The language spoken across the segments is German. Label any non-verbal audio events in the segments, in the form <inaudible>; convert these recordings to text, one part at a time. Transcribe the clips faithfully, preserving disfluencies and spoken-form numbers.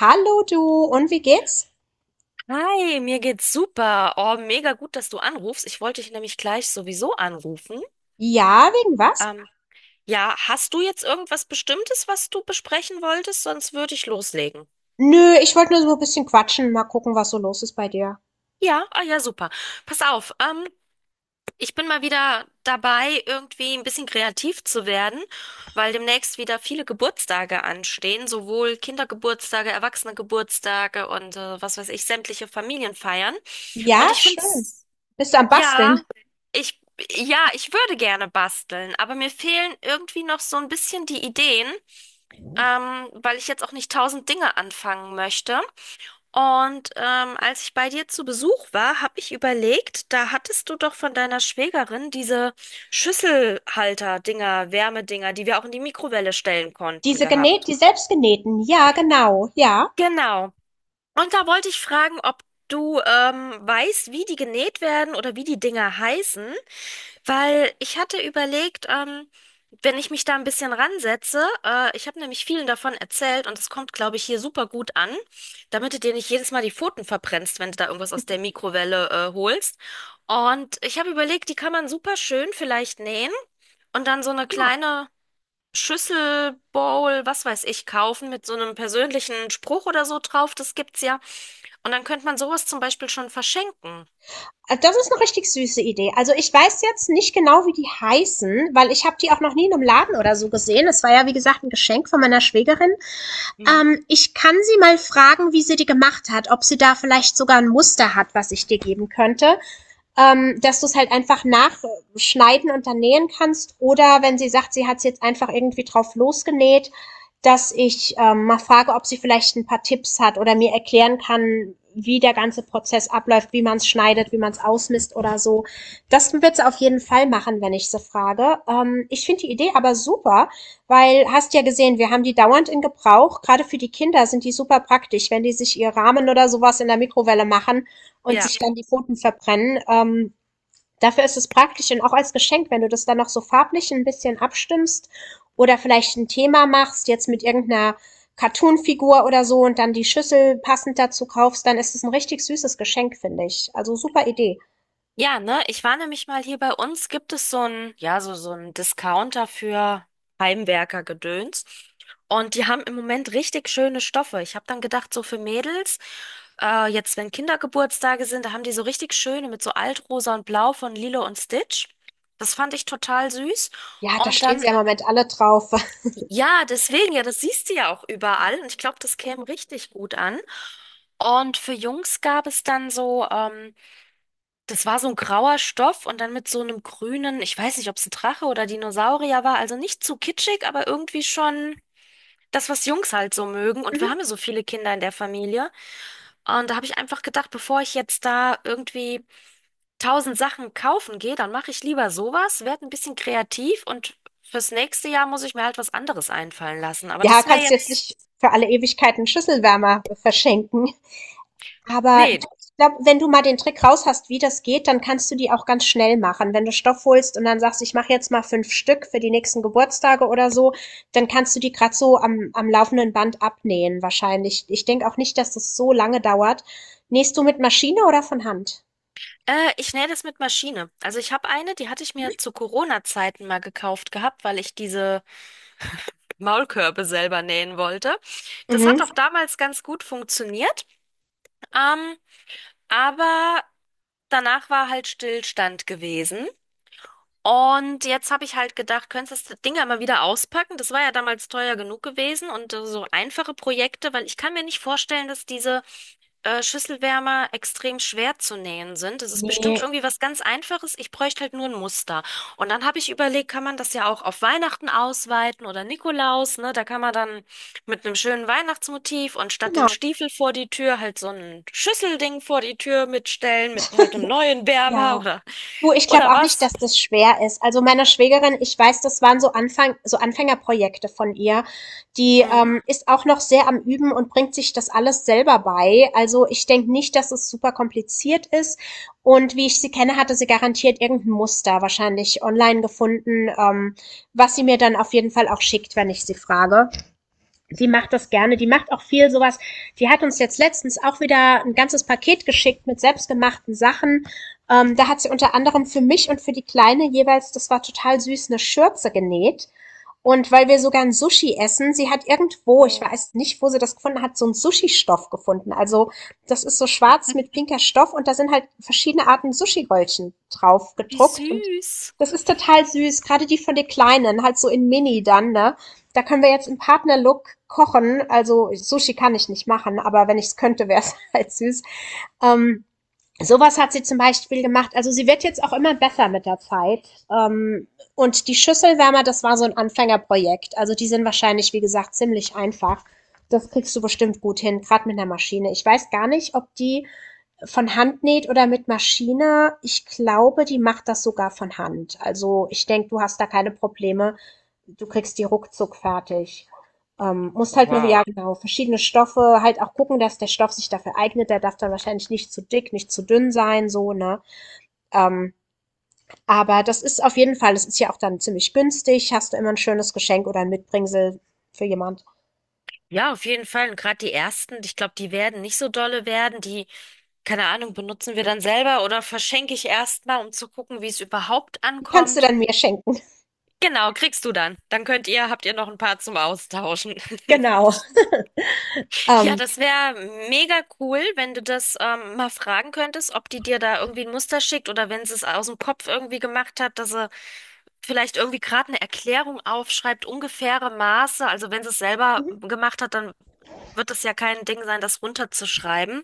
Hallo du, und wie geht's? Hi, mir geht's super. Oh, mega gut, dass du anrufst. Ich wollte dich nämlich gleich sowieso anrufen. Ja, wegen was? Ähm, ja, hast du jetzt irgendwas Bestimmtes, was du besprechen wolltest? Sonst würde ich loslegen. Nö, ich wollte nur so ein bisschen quatschen, mal gucken, was so los ist bei dir. Ja, ah ja, super. Pass auf, ähm, ich bin mal wieder dabei, irgendwie ein bisschen kreativ zu werden, weil demnächst wieder viele Geburtstage anstehen, sowohl Kindergeburtstage, Erwachsenegeburtstage und äh, was weiß ich, sämtliche Familienfeiern. Und Ja, ich finde schön. es Bist du am Basteln? ja, ich, ja, ich würde gerne basteln, aber mir fehlen irgendwie noch so ein bisschen die Ideen, ähm, weil ich jetzt auch nicht tausend Dinge anfangen möchte. Und ähm, als ich bei dir zu Besuch war, habe ich überlegt, da hattest du doch von deiner Schwägerin diese Schüsselhalter-Dinger, Wärmedinger, die wir auch in die Mikrowelle stellen konnten, Diese gehabt. genäht, die selbstgenähten. Ja, genau. Ja. Genau. Und da wollte ich fragen, ob du ähm, weißt, wie die genäht werden oder wie die Dinger heißen. Weil ich hatte überlegt, ähm, wenn ich mich da ein bisschen ransetze, äh, ich habe nämlich vielen davon erzählt und es kommt, glaube ich, hier super gut an, damit du dir nicht jedes Mal die Pfoten verbrennst, wenn du da irgendwas aus der Mikrowelle, äh, holst. Und ich habe überlegt, die kann man super schön vielleicht nähen und dann so eine Ja. kleine Schüssel, Bowl, was weiß ich, kaufen mit so einem persönlichen Spruch oder so drauf. Das gibt's ja. Und dann könnte man sowas zum Beispiel schon verschenken. Äh, Das ist eine richtig süße Idee. Also ich weiß jetzt nicht genau, wie die heißen, weil ich habe die auch noch nie in einem Laden oder so gesehen. Es war ja, wie gesagt, ein Geschenk von meiner Schwägerin. Mhm. Ähm, ich kann sie mal fragen, wie sie die gemacht hat, ob sie da vielleicht sogar ein Muster hat, was ich dir geben könnte. Ähm, dass du es halt einfach nachschneiden und dann nähen kannst. Oder wenn sie sagt, sie hat es jetzt einfach irgendwie drauf losgenäht, dass ich ähm, mal frage, ob sie vielleicht ein paar Tipps hat oder mir erklären kann, wie der ganze Prozess abläuft, wie man es schneidet, wie man es ausmisst oder so. Das wird sie auf jeden Fall machen, wenn ich sie frage. Ähm, ich finde die Idee aber super, weil hast ja gesehen, wir haben die dauernd in Gebrauch. Gerade für die Kinder sind die super praktisch, wenn die sich ihr Rahmen oder sowas in der Mikrowelle machen und Ja. sich dann die Pfoten verbrennen. Ähm, dafür ist es praktisch und auch als Geschenk, wenn du das dann noch so farblich ein bisschen abstimmst oder vielleicht ein Thema machst, jetzt mit irgendeiner Cartoon-Figur oder so und dann die Schüssel passend dazu kaufst, dann ist es ein richtig süßes Geschenk, finde ich. Also super Idee. Ja, ne, ich war nämlich mal hier bei uns, gibt es so ein, ja, so, so ein Discounter für Heimwerker-Gedöns. Und die haben im Moment richtig schöne Stoffe. Ich habe dann gedacht, so für Mädels, äh, jetzt wenn Kindergeburtstage sind, da haben die so richtig schöne mit so Altrosa und Blau von Lilo und Stitch. Das fand ich total süß. Ja, da Und stehen dann, sie ja im Moment alle drauf. <laughs> ja, deswegen, ja, das siehst du ja auch überall. Und ich glaube, das käme richtig gut an. Und für Jungs gab es dann so, ähm, das war so ein grauer Stoff und dann mit so einem grünen, ich weiß nicht, ob es ein Drache oder Dinosaurier war, also nicht zu kitschig, aber irgendwie schon das, was Jungs halt so mögen. Und wir Mhm. haben ja so viele Kinder in der Familie. Und da habe ich einfach gedacht, bevor ich jetzt da irgendwie tausend Sachen kaufen gehe, dann mache ich lieber sowas, werde ein bisschen kreativ und fürs nächste Jahr muss ich mir halt was anderes einfallen lassen. Aber Ja, das wäre kannst jetzt jetzt, nicht für alle Ewigkeiten Schüsselwärmer verschenken. Aber du, nee. ich glaube, wenn du mal den Trick raus hast, wie das geht, dann kannst du die auch ganz schnell machen. Wenn du Stoff holst und dann sagst, ich mache jetzt mal fünf Stück für die nächsten Geburtstage oder so, dann kannst du die grad so am, am laufenden Band abnähen wahrscheinlich. Ich denke auch nicht, dass das so lange dauert. Nähst du mit Maschine oder von Hand? Äh, ich nähe das mit Maschine. Also ich habe eine, die hatte ich mir zu Corona-Zeiten mal gekauft gehabt, weil ich diese Maulkörbe selber nähen wollte. Das hat Mhm. auch damals ganz gut funktioniert, ähm, aber danach war halt Stillstand gewesen. Und jetzt habe ich halt gedacht, könntest du das Ding ja mal wieder auspacken? Das war ja damals teuer genug gewesen und äh, so einfache Projekte, weil ich kann mir nicht vorstellen, dass diese äh, Schüsselwärmer extrem schwer zu nähen sind. Das ist bestimmt Nee, irgendwie was ganz Einfaches. Ich bräuchte halt nur ein Muster. Und dann habe ich überlegt, kann man das ja auch auf Weihnachten ausweiten oder Nikolaus, ne? Da kann man dann mit einem schönen Weihnachtsmotiv und statt den genau. Stiefel vor die Tür halt so ein Schüsselding vor die Tür mitstellen mit halt einem neuen Wärmer Ja, oder du, ich glaube oder auch nicht, was. dass das schwer ist. Also meiner Schwägerin, ich weiß, das waren so Anfang, so Anfängerprojekte von ihr. Die ähm, Mhm. ist auch noch sehr am Üben und bringt sich das alles selber bei. Also ich denke nicht, dass es super kompliziert ist. Und wie ich sie kenne, hatte sie garantiert irgendein Muster wahrscheinlich online gefunden, ähm, was sie mir dann auf jeden Fall auch schickt, wenn ich sie frage. Sie macht das gerne. Die macht auch viel sowas. Die hat uns jetzt letztens auch wieder ein ganzes Paket geschickt mit selbstgemachten Sachen. Ähm, da hat sie unter anderem für mich und für die Kleine jeweils, das war total süß, eine Schürze genäht. Und weil wir sogar ein Sushi essen, sie hat irgendwo, ich Oh, weiß nicht, wo sie das gefunden hat, so einen Sushi-Stoff gefunden. Also das ist so schwarz mit pinker Stoff und da sind halt verschiedene Arten Sushi-Röllchen drauf wie gedruckt und süß. das ist total süß, gerade die von den Kleinen, halt so in Mini dann, ne? Da können wir jetzt im Partnerlook kochen. Also, Sushi kann ich nicht machen, aber wenn ich es könnte, wäre es <laughs> halt süß. Ähm, Sowas hat sie zum Beispiel gemacht. Also sie wird jetzt auch immer besser mit der Zeit. Ähm, und die Schüsselwärmer, das war so ein Anfängerprojekt. Also die sind wahrscheinlich, wie gesagt, ziemlich einfach. Das kriegst du bestimmt gut hin, gerade mit einer Maschine. Ich weiß gar nicht, ob die von Hand näht oder mit Maschine. Ich glaube, die macht das sogar von Hand. Also ich denke, du hast da keine Probleme. Du kriegst die ruckzuck fertig. Ähm, musst halt nur, ja Wow. genau, verschiedene Stoffe, halt auch gucken, dass der Stoff sich dafür eignet. Der darf dann wahrscheinlich nicht zu dick, nicht zu dünn sein, so, ne? Ähm, aber das ist auf jeden Fall, das ist ja auch dann ziemlich günstig. Hast du immer ein schönes Geschenk oder ein Mitbringsel für jemand. Ja, auf jeden Fall. Und gerade die ersten, ich glaube, die werden nicht so dolle werden. Die keine Ahnung, benutzen wir dann selber oder verschenke ich erstmal, um zu gucken, wie es überhaupt Die kannst du ankommt? dann mir schenken, Genau, kriegst du dann. Dann könnt ihr, habt ihr noch ein paar zum Austauschen. <laughs> <laughs> genau. Ja, Ähm, das wäre mega cool, wenn du das ähm, mal fragen könntest, ob die dir da irgendwie ein Muster schickt oder wenn sie es aus dem Kopf irgendwie gemacht hat, dass sie vielleicht irgendwie gerade eine Erklärung aufschreibt, ungefähre Maße. Also wenn sie es selber mhm. gemacht hat, dann wird das ja kein Ding sein, das runterzuschreiben.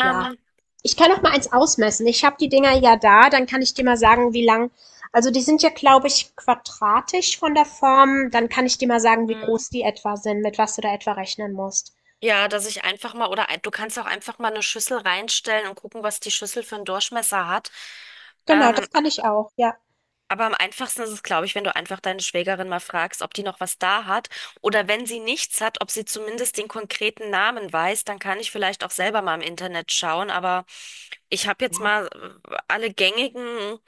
Ja, Ähm, ich kann auch mal eins ausmessen. Ich habe die Dinger ja da, dann kann ich dir mal sagen, wie lang. Also die sind ja, glaube ich, quadratisch von der Form. Dann kann ich dir mal sagen, wie groß die etwa sind, mit was du da etwa rechnen musst. Ja, dass ich einfach mal, oder ein- du kannst auch einfach mal eine Schüssel reinstellen und gucken, was die Schüssel für einen Durchmesser hat. Genau, Ähm, das kann ich auch, ja. aber am einfachsten ist es, glaube ich, wenn du einfach deine Schwägerin mal fragst, ob die noch was da hat oder wenn sie nichts hat, ob sie zumindest den konkreten Namen weiß, dann kann ich vielleicht auch selber mal im Internet schauen. Aber ich habe Ja. jetzt mal äh, alle gängigen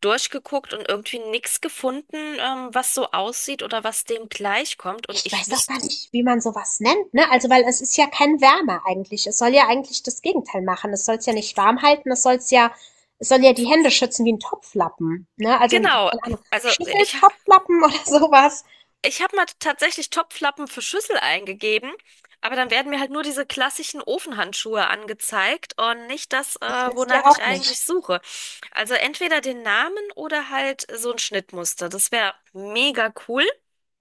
durchgeguckt und irgendwie nichts gefunden, ähm, was so aussieht oder was dem gleichkommt. Und Ich ich weiß auch gar wüsste, nicht, wie man sowas nennt, ne? Also, weil es ist ja kein Wärmer eigentlich. Es soll ja eigentlich das Gegenteil machen. Es soll es ja nicht warm halten, es soll es ja, es soll ja die Hände schützen wie ein Topflappen, ne? Also, keine genau, Ahnung, also ich Schüsseltopflappen oder <laughs> sowas. ich habe mal tatsächlich Topflappen für Schüssel eingegeben, aber dann werden mir halt nur diese klassischen Ofenhandschuhe angezeigt und nicht das, Das äh, willst du ja wonach ich auch eigentlich nicht. suche. Also entweder den Namen oder halt so ein Schnittmuster. Das wäre mega cool.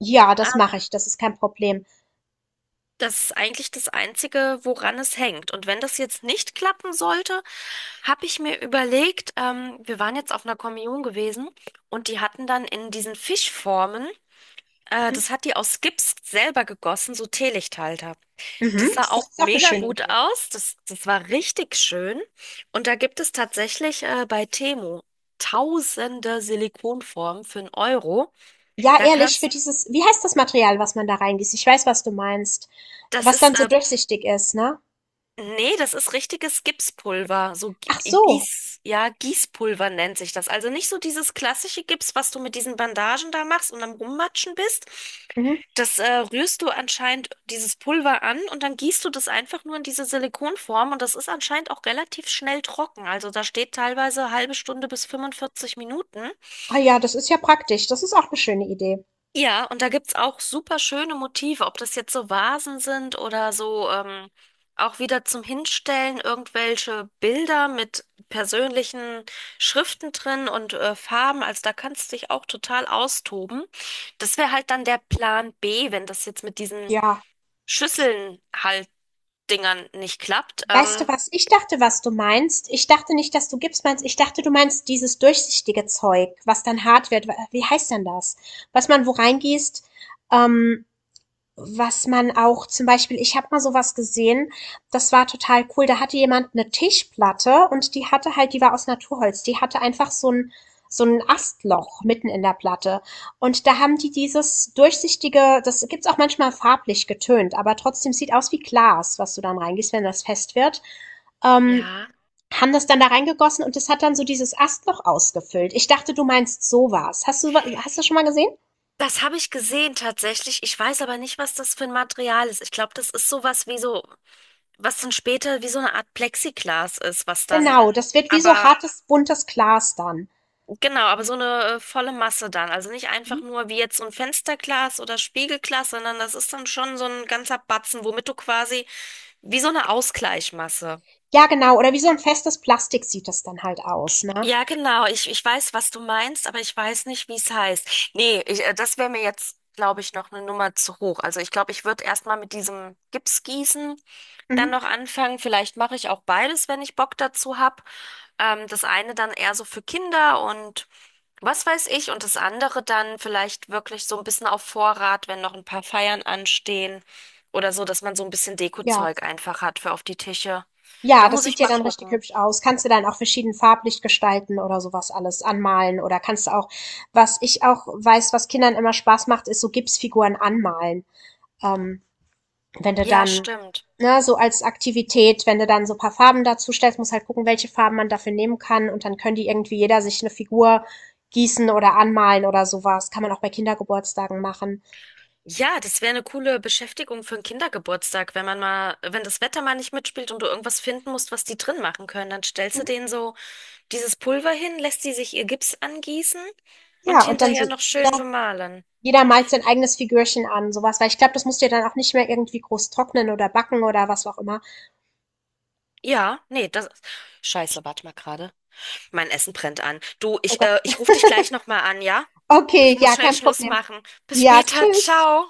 Ja, Ähm, das mache ich. Das ist kein Problem. das ist eigentlich das Einzige, woran es hängt. Und wenn das jetzt nicht klappen sollte, habe ich mir überlegt, ähm, wir waren jetzt auf einer Kommunion gewesen und die hatten dann in diesen Fischformen, äh, Mhm. das hat die aus Gips selber gegossen, so Teelichthalter. Das Mhm, sah auch das ist auch eine mega schöne gut Idee. aus. Das, das war richtig schön. Und da gibt es tatsächlich äh, bei Temu tausende Silikonformen für einen Euro. Ja, Da ehrlich, für kannst, dieses, wie heißt das Material, was man da reingießt? Ich weiß, was du meinst. das Was ist dann so äh, durchsichtig ist, ne? nee, das ist richtiges Gipspulver. So Gi- Ach so. Gieß, ja, Gießpulver nennt sich das. Also nicht so dieses klassische Gips, was du mit diesen Bandagen da machst und am Rummatschen bist. Mhm. Das äh, rührst du anscheinend dieses Pulver an und dann gießt du das einfach nur in diese Silikonform und das ist anscheinend auch relativ schnell trocken. Also da steht teilweise halbe Stunde bis fünfundvierzig Minuten. Ah ja, das ist ja praktisch. Das ist auch eine schöne Idee. Ja, und da gibt's auch super schöne Motive, ob das jetzt so Vasen sind oder so ähm, auch wieder zum Hinstellen irgendwelche Bilder mit persönlichen Schriften drin und äh, Farben. Also da kannst du dich auch total austoben. Das wäre halt dann der Plan B, wenn das jetzt mit diesen Ja. Schüsseln halt Dingern nicht klappt. Weißt du, Ähm, was ich dachte, was du meinst? Ich dachte nicht, dass du Gips meinst. Ich dachte, du meinst dieses durchsichtige Zeug, was dann hart wird. Wie heißt denn das? Was man wo reingießt, ähm was man auch zum Beispiel, ich habe mal so was gesehen, das war total cool. Da hatte jemand eine Tischplatte und die hatte halt, die war aus Naturholz. Die hatte einfach so ein, so ein Astloch mitten in der Platte. Und da haben die dieses durchsichtige, das gibt's auch manchmal farblich getönt, aber trotzdem sieht aus wie Glas, was du dann reingießt, wenn das fest wird. Ähm, ja. Haben das dann da reingegossen und das hat dann so dieses Astloch ausgefüllt. Ich dachte, du meinst sowas. Hast du, hast du das schon mal gesehen? Das habe ich gesehen tatsächlich. Ich weiß aber nicht, was das für ein Material ist. Ich glaube, das ist sowas wie so. Was dann später wie so eine Art Plexiglas ist, was dann, Genau, das wird wie so aber hartes, buntes Glas dann. genau, aber so eine äh, volle Masse dann. Also nicht einfach Mhm. nur wie jetzt so ein Fensterglas oder Spiegelglas, sondern das ist dann schon so ein ganzer Batzen, womit du quasi wie so eine Ausgleichmasse. Ja, genau. Oder wie so ein festes Plastik sieht das dann halt aus, ne? Ja, genau. Ich, ich weiß, was du meinst, aber ich weiß nicht, wie es heißt. Nee, ich, äh, das wäre mir jetzt, glaube ich, noch eine Nummer zu hoch. Also ich glaube, ich würde erstmal mit diesem Gipsgießen dann Mhm. noch anfangen. Vielleicht mache ich auch beides, wenn ich Bock dazu habe. Ähm, das eine dann eher so für Kinder und was weiß ich und das andere dann vielleicht wirklich so ein bisschen auf Vorrat, wenn noch ein paar Feiern anstehen oder so, dass man so ein bisschen Ja. Dekozeug einfach hat für auf die Tische. Ja, Da das muss ich sieht ja mal dann richtig gucken. hübsch aus. Kannst du dann auch verschieden farblich gestalten oder sowas alles anmalen oder kannst du auch, was ich auch weiß, was Kindern immer Spaß macht, ist so Gipsfiguren anmalen. Ähm, Wenn du Ja, dann, stimmt. ne, so als Aktivität, wenn du dann so ein paar Farben dazu stellst, muss halt gucken, welche Farben man dafür nehmen kann und dann können die irgendwie jeder sich eine Figur gießen oder anmalen oder sowas. Kann man auch bei Kindergeburtstagen machen. Ja, das wäre eine coole Beschäftigung für einen Kindergeburtstag, wenn man mal, wenn das Wetter mal nicht mitspielt und du irgendwas finden musst, was die drin machen können, dann stellst du denen so dieses Pulver hin, lässt sie sich ihr Gips angießen und Und dann hinterher so noch schön bemalen. jeder malt sein eigenes Figürchen an, sowas, weil ich glaube, das musst du ja dann auch nicht mehr irgendwie groß trocknen oder backen oder was auch immer. Ja, nee, das ist. Scheiße, warte mal gerade. Mein Essen brennt an. Du, Oh ich, Gott. äh, ich rufe dich gleich nochmal an, ja? Ich Okay, muss ja, schnell kein Schluss Problem. machen. Bis später, ciao.